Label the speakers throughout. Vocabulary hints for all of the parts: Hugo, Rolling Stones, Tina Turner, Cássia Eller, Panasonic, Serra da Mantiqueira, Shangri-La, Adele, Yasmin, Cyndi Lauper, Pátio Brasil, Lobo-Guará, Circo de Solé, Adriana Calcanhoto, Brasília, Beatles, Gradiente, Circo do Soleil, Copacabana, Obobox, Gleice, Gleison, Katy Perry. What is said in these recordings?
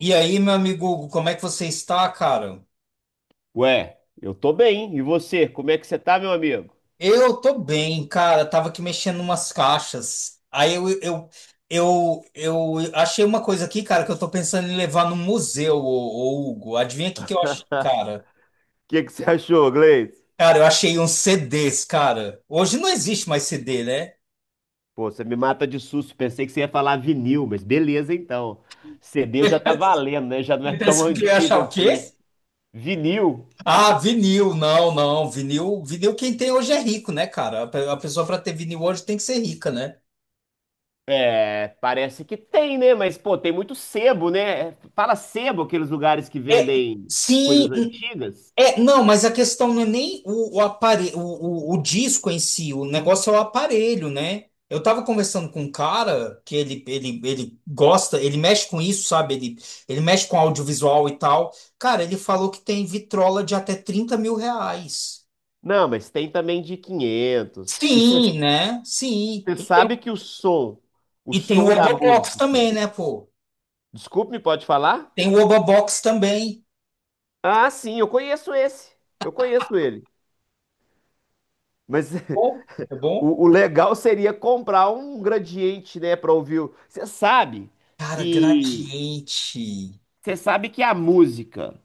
Speaker 1: E aí, meu amigo Hugo, como é que você está, cara?
Speaker 2: Eu tô bem. E você? Como é que você tá, meu amigo? O
Speaker 1: Eu tô bem, cara. Tava aqui mexendo umas caixas. Aí eu achei uma coisa aqui, cara, que eu tô pensando em levar no museu, Hugo. Adivinha o que que eu achei, cara?
Speaker 2: que que você achou, Gleice?
Speaker 1: Cara, eu achei uns CDs, cara. Hoje não existe mais CD, né?
Speaker 2: Pô, você me mata de susto. Pensei que você ia falar vinil, mas beleza então. CD já tá valendo, né? Já não é
Speaker 1: Você
Speaker 2: tão
Speaker 1: pensou que eu ia achar
Speaker 2: antigo
Speaker 1: o quê?
Speaker 2: assim. Vinil?
Speaker 1: Ah, vinil, não, não. Vinil quem tem hoje é rico, né, cara? A pessoa pra ter vinil hoje tem que ser rica, né?
Speaker 2: É, parece que tem, né? Mas, pô, tem muito sebo, né? Fala sebo, aqueles lugares que
Speaker 1: É,
Speaker 2: vendem
Speaker 1: sim.
Speaker 2: coisas antigas?
Speaker 1: É, não, mas a questão não é nem o aparelho, o disco em si, o negócio é o aparelho, né? Eu tava conversando com um cara que ele gosta, ele mexe com isso, sabe? Ele mexe com audiovisual e tal. Cara, ele falou que tem vitrola de até 30.000 reais.
Speaker 2: Não, mas tem também de 500. E você
Speaker 1: Sim, né? Sim. E
Speaker 2: sabe que o
Speaker 1: e tem o
Speaker 2: som da
Speaker 1: Obobox
Speaker 2: música.
Speaker 1: também, né, pô?
Speaker 2: Desculpe, pode falar?
Speaker 1: Tem o Obobox também.
Speaker 2: Ah, sim, eu conheço esse. Eu conheço ele. Mas
Speaker 1: Bom, é bom?
Speaker 2: o legal seria comprar um gradiente, né, para ouvir.
Speaker 1: Cara,
Speaker 2: Que
Speaker 1: gradiente.
Speaker 2: você sabe que a música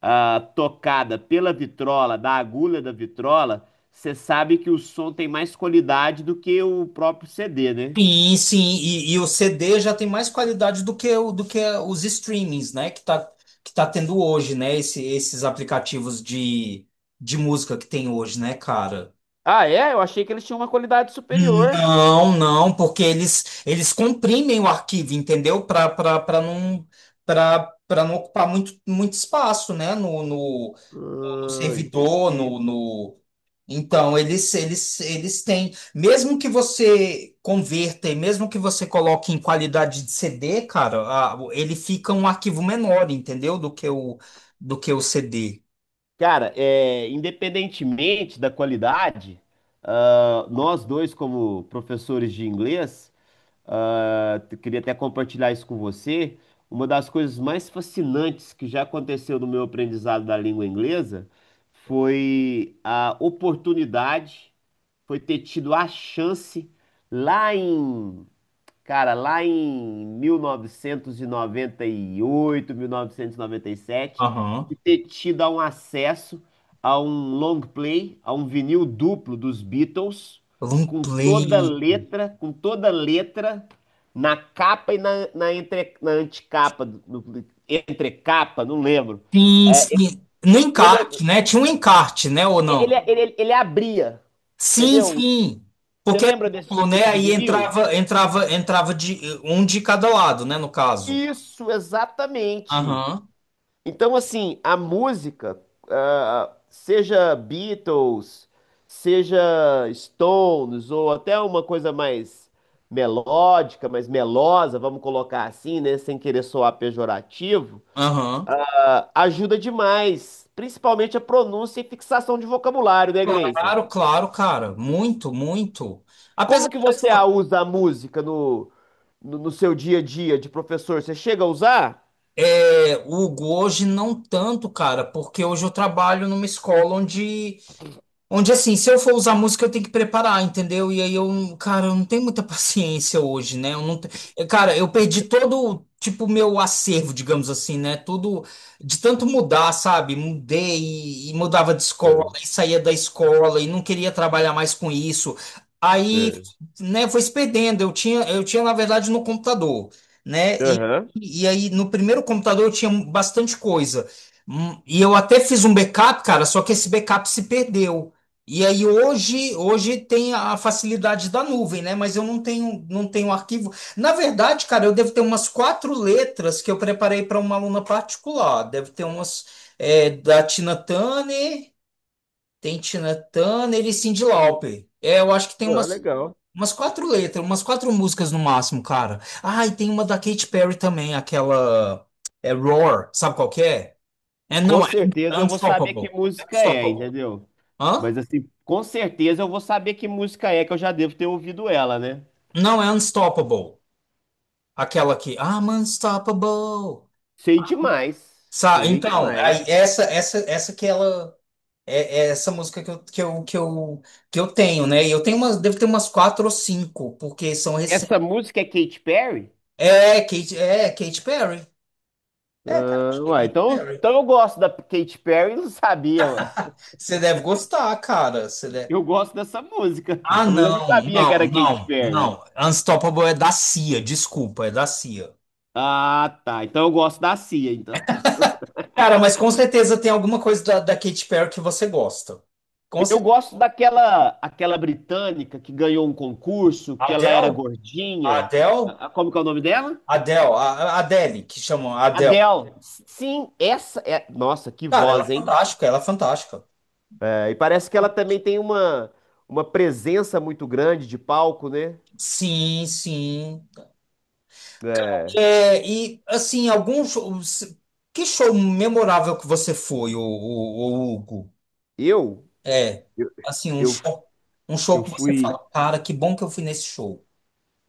Speaker 2: tocada pela vitrola, da agulha da vitrola, você sabe que o som tem mais qualidade do que o próprio CD, né?
Speaker 1: Sim, sim, e o CD já tem mais qualidade do que, do que os streamings, né? Que tá tendo hoje, né? Esses aplicativos de música que tem hoje, né, cara?
Speaker 2: Ah, é? Eu achei que eles tinham uma qualidade superior.
Speaker 1: Não, não, porque eles comprimem o arquivo, entendeu? Para não para não ocupar muito, muito espaço, né? No, no
Speaker 2: Ah,
Speaker 1: servidor, no,
Speaker 2: entendi.
Speaker 1: no, então, eles têm, mesmo que você converta e mesmo que você coloque em qualidade de CD, cara, ele fica um arquivo menor, entendeu? Do que do que o CD.
Speaker 2: Cara, é, independentemente da qualidade, nós dois, como professores de inglês, queria até compartilhar isso com você. Uma das coisas mais fascinantes que já aconteceu no meu aprendizado da língua inglesa foi a oportunidade, foi ter tido a chance lá em lá em 1998, 1997,
Speaker 1: Aham.
Speaker 2: de ter tido um acesso a um long play, a um vinil duplo dos Beatles,
Speaker 1: Play.
Speaker 2: com toda letra, na capa e na, na anticapa, entrecapa, não lembro.
Speaker 1: Sim,
Speaker 2: É,
Speaker 1: sim. No
Speaker 2: lembra,
Speaker 1: encarte, né? Tinha um encarte, né? Ou não?
Speaker 2: ele abria,
Speaker 1: Sim,
Speaker 2: entendeu?
Speaker 1: sim.
Speaker 2: Você
Speaker 1: Porque era
Speaker 2: lembra desse
Speaker 1: duplo, né?
Speaker 2: tipo de
Speaker 1: Aí
Speaker 2: vinil?
Speaker 1: entrava de um de cada lado, né? No caso.
Speaker 2: Isso, exatamente.
Speaker 1: Aham,
Speaker 2: Então, assim, a música, seja Beatles, seja Stones, ou até uma coisa mais melódica, mais melosa, vamos colocar assim, né, sem querer soar pejorativo,
Speaker 1: aham.
Speaker 2: ajuda demais, principalmente a pronúncia e fixação de vocabulário, né, Gleison?
Speaker 1: Claro, claro, cara. Muito, muito. Apesar
Speaker 2: Como que
Speaker 1: de, assim,
Speaker 2: você
Speaker 1: ó,
Speaker 2: a usa a música no seu dia a dia de professor? Você chega a usar?
Speaker 1: é, o Hugo hoje não tanto, cara, porque hoje eu trabalho numa escola onde... Onde assim, se eu for usar música, eu tenho que preparar, entendeu? E aí eu, cara, eu não tenho muita paciência hoje, né? Eu não, te- eu, cara, eu perdi todo, tipo, meu acervo, digamos assim, né? Tudo de tanto mudar, sabe? Mudei e mudava de escola,
Speaker 2: É,
Speaker 1: e saía da escola e não queria trabalhar mais com isso. Aí,
Speaker 2: é.
Speaker 1: né, foi se perdendo. Eu tinha, na verdade, no computador, né?
Speaker 2: Aham.
Speaker 1: E aí, no primeiro computador, eu tinha bastante coisa. Hum. E eu até fiz um backup, cara, só que esse backup se perdeu. E aí hoje, hoje tem a facilidade da nuvem, né? Mas eu não tenho, não tenho arquivo. Na verdade, cara, eu devo ter umas quatro letras que eu preparei para uma aluna particular. Deve ter umas, é, da Tina Turner, tem Tina Turner e Cyndi Lauper. É, eu acho que tem
Speaker 2: Ah,
Speaker 1: umas,
Speaker 2: legal.
Speaker 1: umas quatro letras, umas quatro músicas no máximo, cara. Ah, e tem uma da Katy Perry também, aquela é Roar, sabe qual que é? É,
Speaker 2: Com
Speaker 1: não, é
Speaker 2: certeza eu vou saber que
Speaker 1: Unstoppable. É
Speaker 2: música é,
Speaker 1: Unstoppable.
Speaker 2: entendeu?
Speaker 1: Hã?
Speaker 2: Mas assim, com certeza eu vou saber que música é, que eu já devo ter ouvido ela, né?
Speaker 1: Não, é Unstoppable. Aquela que I'm unstoppable.
Speaker 2: Sei demais.
Speaker 1: Sa
Speaker 2: Sei
Speaker 1: então,
Speaker 2: demais.
Speaker 1: aí essa que ela é, é essa música que eu tenho, né? E eu tenho umas, devo ter umas quatro ou cinco, porque são recentes.
Speaker 2: Essa música é Katy Perry?
Speaker 1: É, Kate, é Katy Perry. É, cara,
Speaker 2: Ah,
Speaker 1: acho que é
Speaker 2: uai,
Speaker 1: Katy
Speaker 2: então,
Speaker 1: Perry.
Speaker 2: então eu gosto da Katy Perry, e não sabia, ué.
Speaker 1: Você deve gostar, cara. Você deve...
Speaker 2: Eu gosto dessa música,
Speaker 1: Ah,
Speaker 2: mas eu não sabia que era Katy Perry.
Speaker 1: não. Unstoppable é da Cia, desculpa, é da Cia.
Speaker 2: Ah, tá. Então eu gosto da Cia, então.
Speaker 1: Cara, mas com certeza tem alguma coisa da Katy Perry que você gosta. Com
Speaker 2: Eu
Speaker 1: certeza.
Speaker 2: gosto daquela aquela britânica que ganhou um concurso, que ela era
Speaker 1: Adele?
Speaker 2: gordinha.
Speaker 1: Adele?
Speaker 2: Como que é o nome dela?
Speaker 1: Adele, a Adele, que chamam a Adele.
Speaker 2: Adele, sim, essa é. Nossa, que
Speaker 1: Cara, ela é
Speaker 2: voz, hein?
Speaker 1: fantástica, ela é fantástica.
Speaker 2: É, e parece que ela também tem uma presença muito grande de palco, né?
Speaker 1: Sim, sim.
Speaker 2: É,
Speaker 1: É, e assim, algum show, que show memorável que você foi, o, Hugo?
Speaker 2: Eu,
Speaker 1: É,
Speaker 2: eu,
Speaker 1: assim,
Speaker 2: eu,
Speaker 1: um show
Speaker 2: eu
Speaker 1: que você
Speaker 2: fui,
Speaker 1: fala, cara, que bom que eu fui nesse show.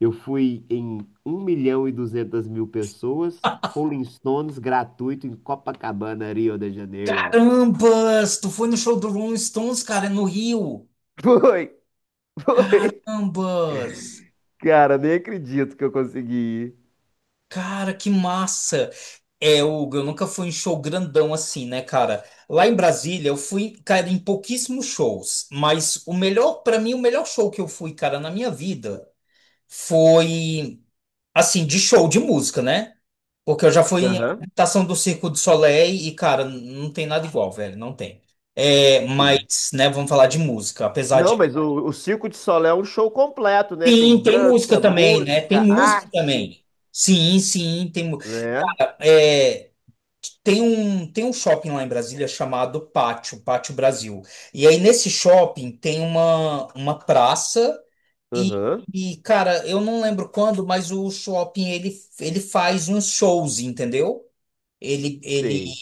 Speaker 2: eu fui em 1.200.000 pessoas, Rolling Stones gratuito em Copacabana, Rio de Janeiro.
Speaker 1: Carambas, tu foi no show do Rolling Stones, cara, é no Rio.
Speaker 2: Foi, foi.
Speaker 1: Carambas.
Speaker 2: Cara, nem acredito que eu consegui
Speaker 1: Cara, que massa! É, Hugo, eu nunca fui em show grandão assim, né, cara? Lá em Brasília, eu fui, cara, em pouquíssimos shows, mas o melhor, pra mim, o melhor show que eu fui, cara, na minha vida foi, assim, de show de música, né? Porque eu já fui
Speaker 2: ir.
Speaker 1: em
Speaker 2: Aham,
Speaker 1: apresentação do Circo do Soleil e, cara, não tem nada igual, velho, não tem. É,
Speaker 2: sim.
Speaker 1: mas, né, vamos falar de música, apesar
Speaker 2: Não,
Speaker 1: de.
Speaker 2: mas o Circo de Solé é um show completo, né? Tem
Speaker 1: Sim, tem música
Speaker 2: dança,
Speaker 1: também, né? Tem
Speaker 2: música,
Speaker 1: música
Speaker 2: arte.
Speaker 1: também. Sim, sim, tem. Mu-.
Speaker 2: Né?
Speaker 1: É. Tem um shopping lá em Brasília chamado Pátio, Pátio Brasil. E aí nesse shopping tem uma praça e,
Speaker 2: Aham,
Speaker 1: e, cara, eu não lembro quando, mas o shopping ele faz uns shows, entendeu? Ele, ele,
Speaker 2: sei.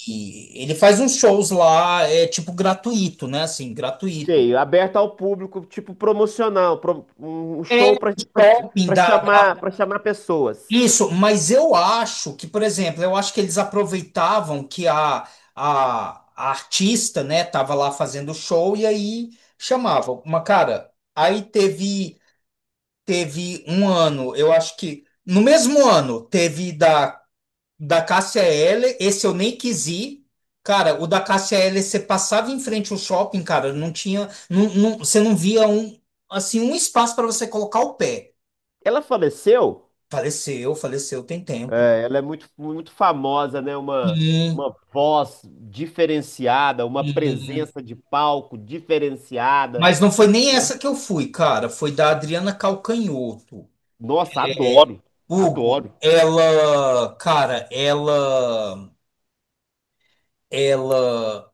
Speaker 1: ele faz uns shows lá, é tipo gratuito, né? Assim, gratuito.
Speaker 2: Sei, aberto ao público, tipo promocional, um
Speaker 1: É,
Speaker 2: show
Speaker 1: shopping dá.
Speaker 2: para chamar pessoas.
Speaker 1: Isso, mas eu acho que, por exemplo, eu acho que eles aproveitavam que a artista, né, tava lá fazendo show e aí chamavam. Mas, cara, aí teve, teve um ano, eu acho que no mesmo ano teve da Cássia Eller, esse eu nem quis ir. Cara, o da Cássia Eller, você passava em frente ao shopping, cara, não tinha, você não via um, assim, um espaço para você colocar o pé.
Speaker 2: Ela faleceu,
Speaker 1: Faleceu, faleceu, tem tempo.
Speaker 2: é, ela é muito, muito famosa, né? Uma voz diferenciada, uma
Speaker 1: E-.
Speaker 2: presença de palco diferenciada.
Speaker 1: Mas não foi nem essa que eu fui, cara. Foi da Adriana Calcanhoto.
Speaker 2: Nossa,
Speaker 1: É,
Speaker 2: adoro,
Speaker 1: Hugo,
Speaker 2: adoro.
Speaker 1: ela, cara, ela,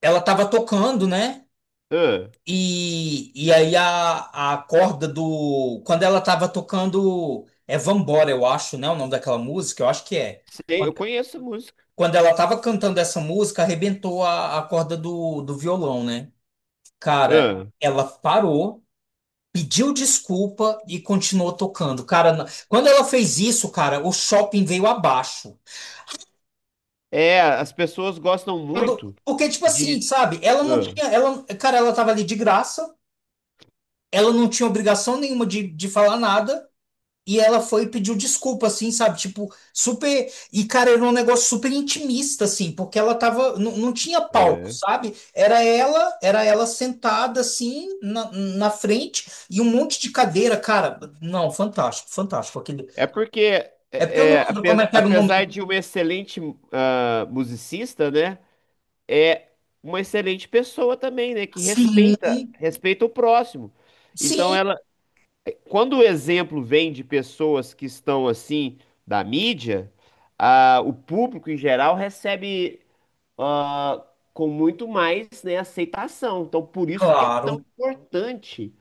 Speaker 1: ela tava tocando, né?
Speaker 2: Ah,
Speaker 1: E aí a corda do, quando ela tava tocando, é Vambora, eu acho, né? O nome daquela música, eu acho que é.
Speaker 2: sei,
Speaker 1: Quando,
Speaker 2: eu conheço a música.
Speaker 1: quando ela tava cantando essa música, arrebentou a corda do, do violão, né? Cara,
Speaker 2: Ah,
Speaker 1: ela parou, pediu desculpa e continuou tocando. Cara, na- quando ela fez isso, cara, o shopping veio abaixo.
Speaker 2: é, as pessoas gostam
Speaker 1: Todo-
Speaker 2: muito
Speaker 1: porque, tipo assim,
Speaker 2: de.
Speaker 1: sabe? Ela não
Speaker 2: Ah,
Speaker 1: tinha. Ela, cara, ela tava ali de graça, ela não tinha obrigação nenhuma de falar nada. E ela foi e pediu desculpa, assim, sabe? Tipo, super. E, cara, era um negócio super intimista, assim, porque ela tava. Não, não tinha palco,
Speaker 2: é.
Speaker 1: sabe? Era ela sentada, assim, na, na frente, e um monte de cadeira, cara. Não, fantástico, fantástico. Aquele...
Speaker 2: É porque,
Speaker 1: É porque
Speaker 2: é,
Speaker 1: eu
Speaker 2: é,
Speaker 1: não lembro como é que era o nome.
Speaker 2: apesar
Speaker 1: Do-.
Speaker 2: de um excelente musicista, né? É uma excelente pessoa também, né? Que
Speaker 1: Sim,
Speaker 2: respeita, respeita o próximo. Então,
Speaker 1: sim,
Speaker 2: ela, quando o exemplo vem de pessoas que estão assim da mídia, o público em geral recebe ah, com muito mais, né, aceitação. Então, por isso que é tão
Speaker 1: claro.
Speaker 2: importante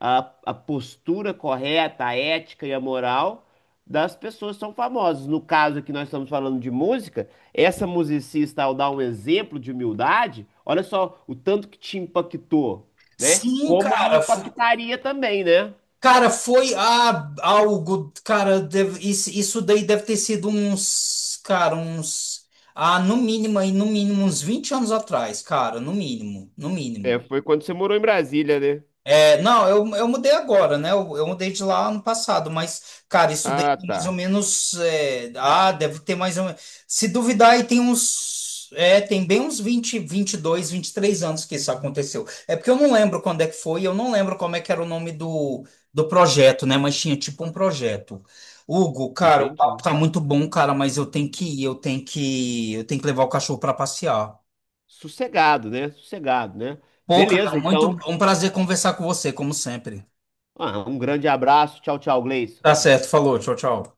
Speaker 2: a, a postura correta, a ética e a moral das pessoas que são famosas. No caso aqui, nós estamos falando de música, essa musicista, ao dar um exemplo de humildade, olha só o tanto que te impactou, né?
Speaker 1: Sim,
Speaker 2: Como me
Speaker 1: cara. Fo-.
Speaker 2: impactaria também, né?
Speaker 1: Cara, foi a, algo. Cara, deve- isso daí deve ter sido uns. Cara, uns. Ah, no mínimo, aí, no mínimo, uns 20 anos atrás, cara, no mínimo, no
Speaker 2: É,
Speaker 1: mínimo.
Speaker 2: foi quando você morou em Brasília, né?
Speaker 1: É, não, eu mudei agora, né? Eu mudei de lá ano passado, mas, cara, isso daí
Speaker 2: Ah,
Speaker 1: tem mais ou
Speaker 2: tá.
Speaker 1: menos. É, ah, deve ter mais ou menos. Se duvidar, aí tem uns. É, tem bem uns 20, 22, 23 anos que isso aconteceu. É porque eu não lembro quando é que foi, eu não lembro como é que era o nome do, do projeto, né? Mas tinha tipo um projeto. Hugo, cara, o papo
Speaker 2: Entendi.
Speaker 1: tá muito bom, cara, mas eu tenho que ir, eu tenho que levar o cachorro pra passear.
Speaker 2: Sossegado, né? Sossegado, né?
Speaker 1: Pô, cara,
Speaker 2: Beleza,
Speaker 1: muito
Speaker 2: então.
Speaker 1: um prazer conversar com você, como sempre.
Speaker 2: Ah, um grande abraço. Tchau, tchau, Gleison.
Speaker 1: Tá certo, falou, tchau, tchau.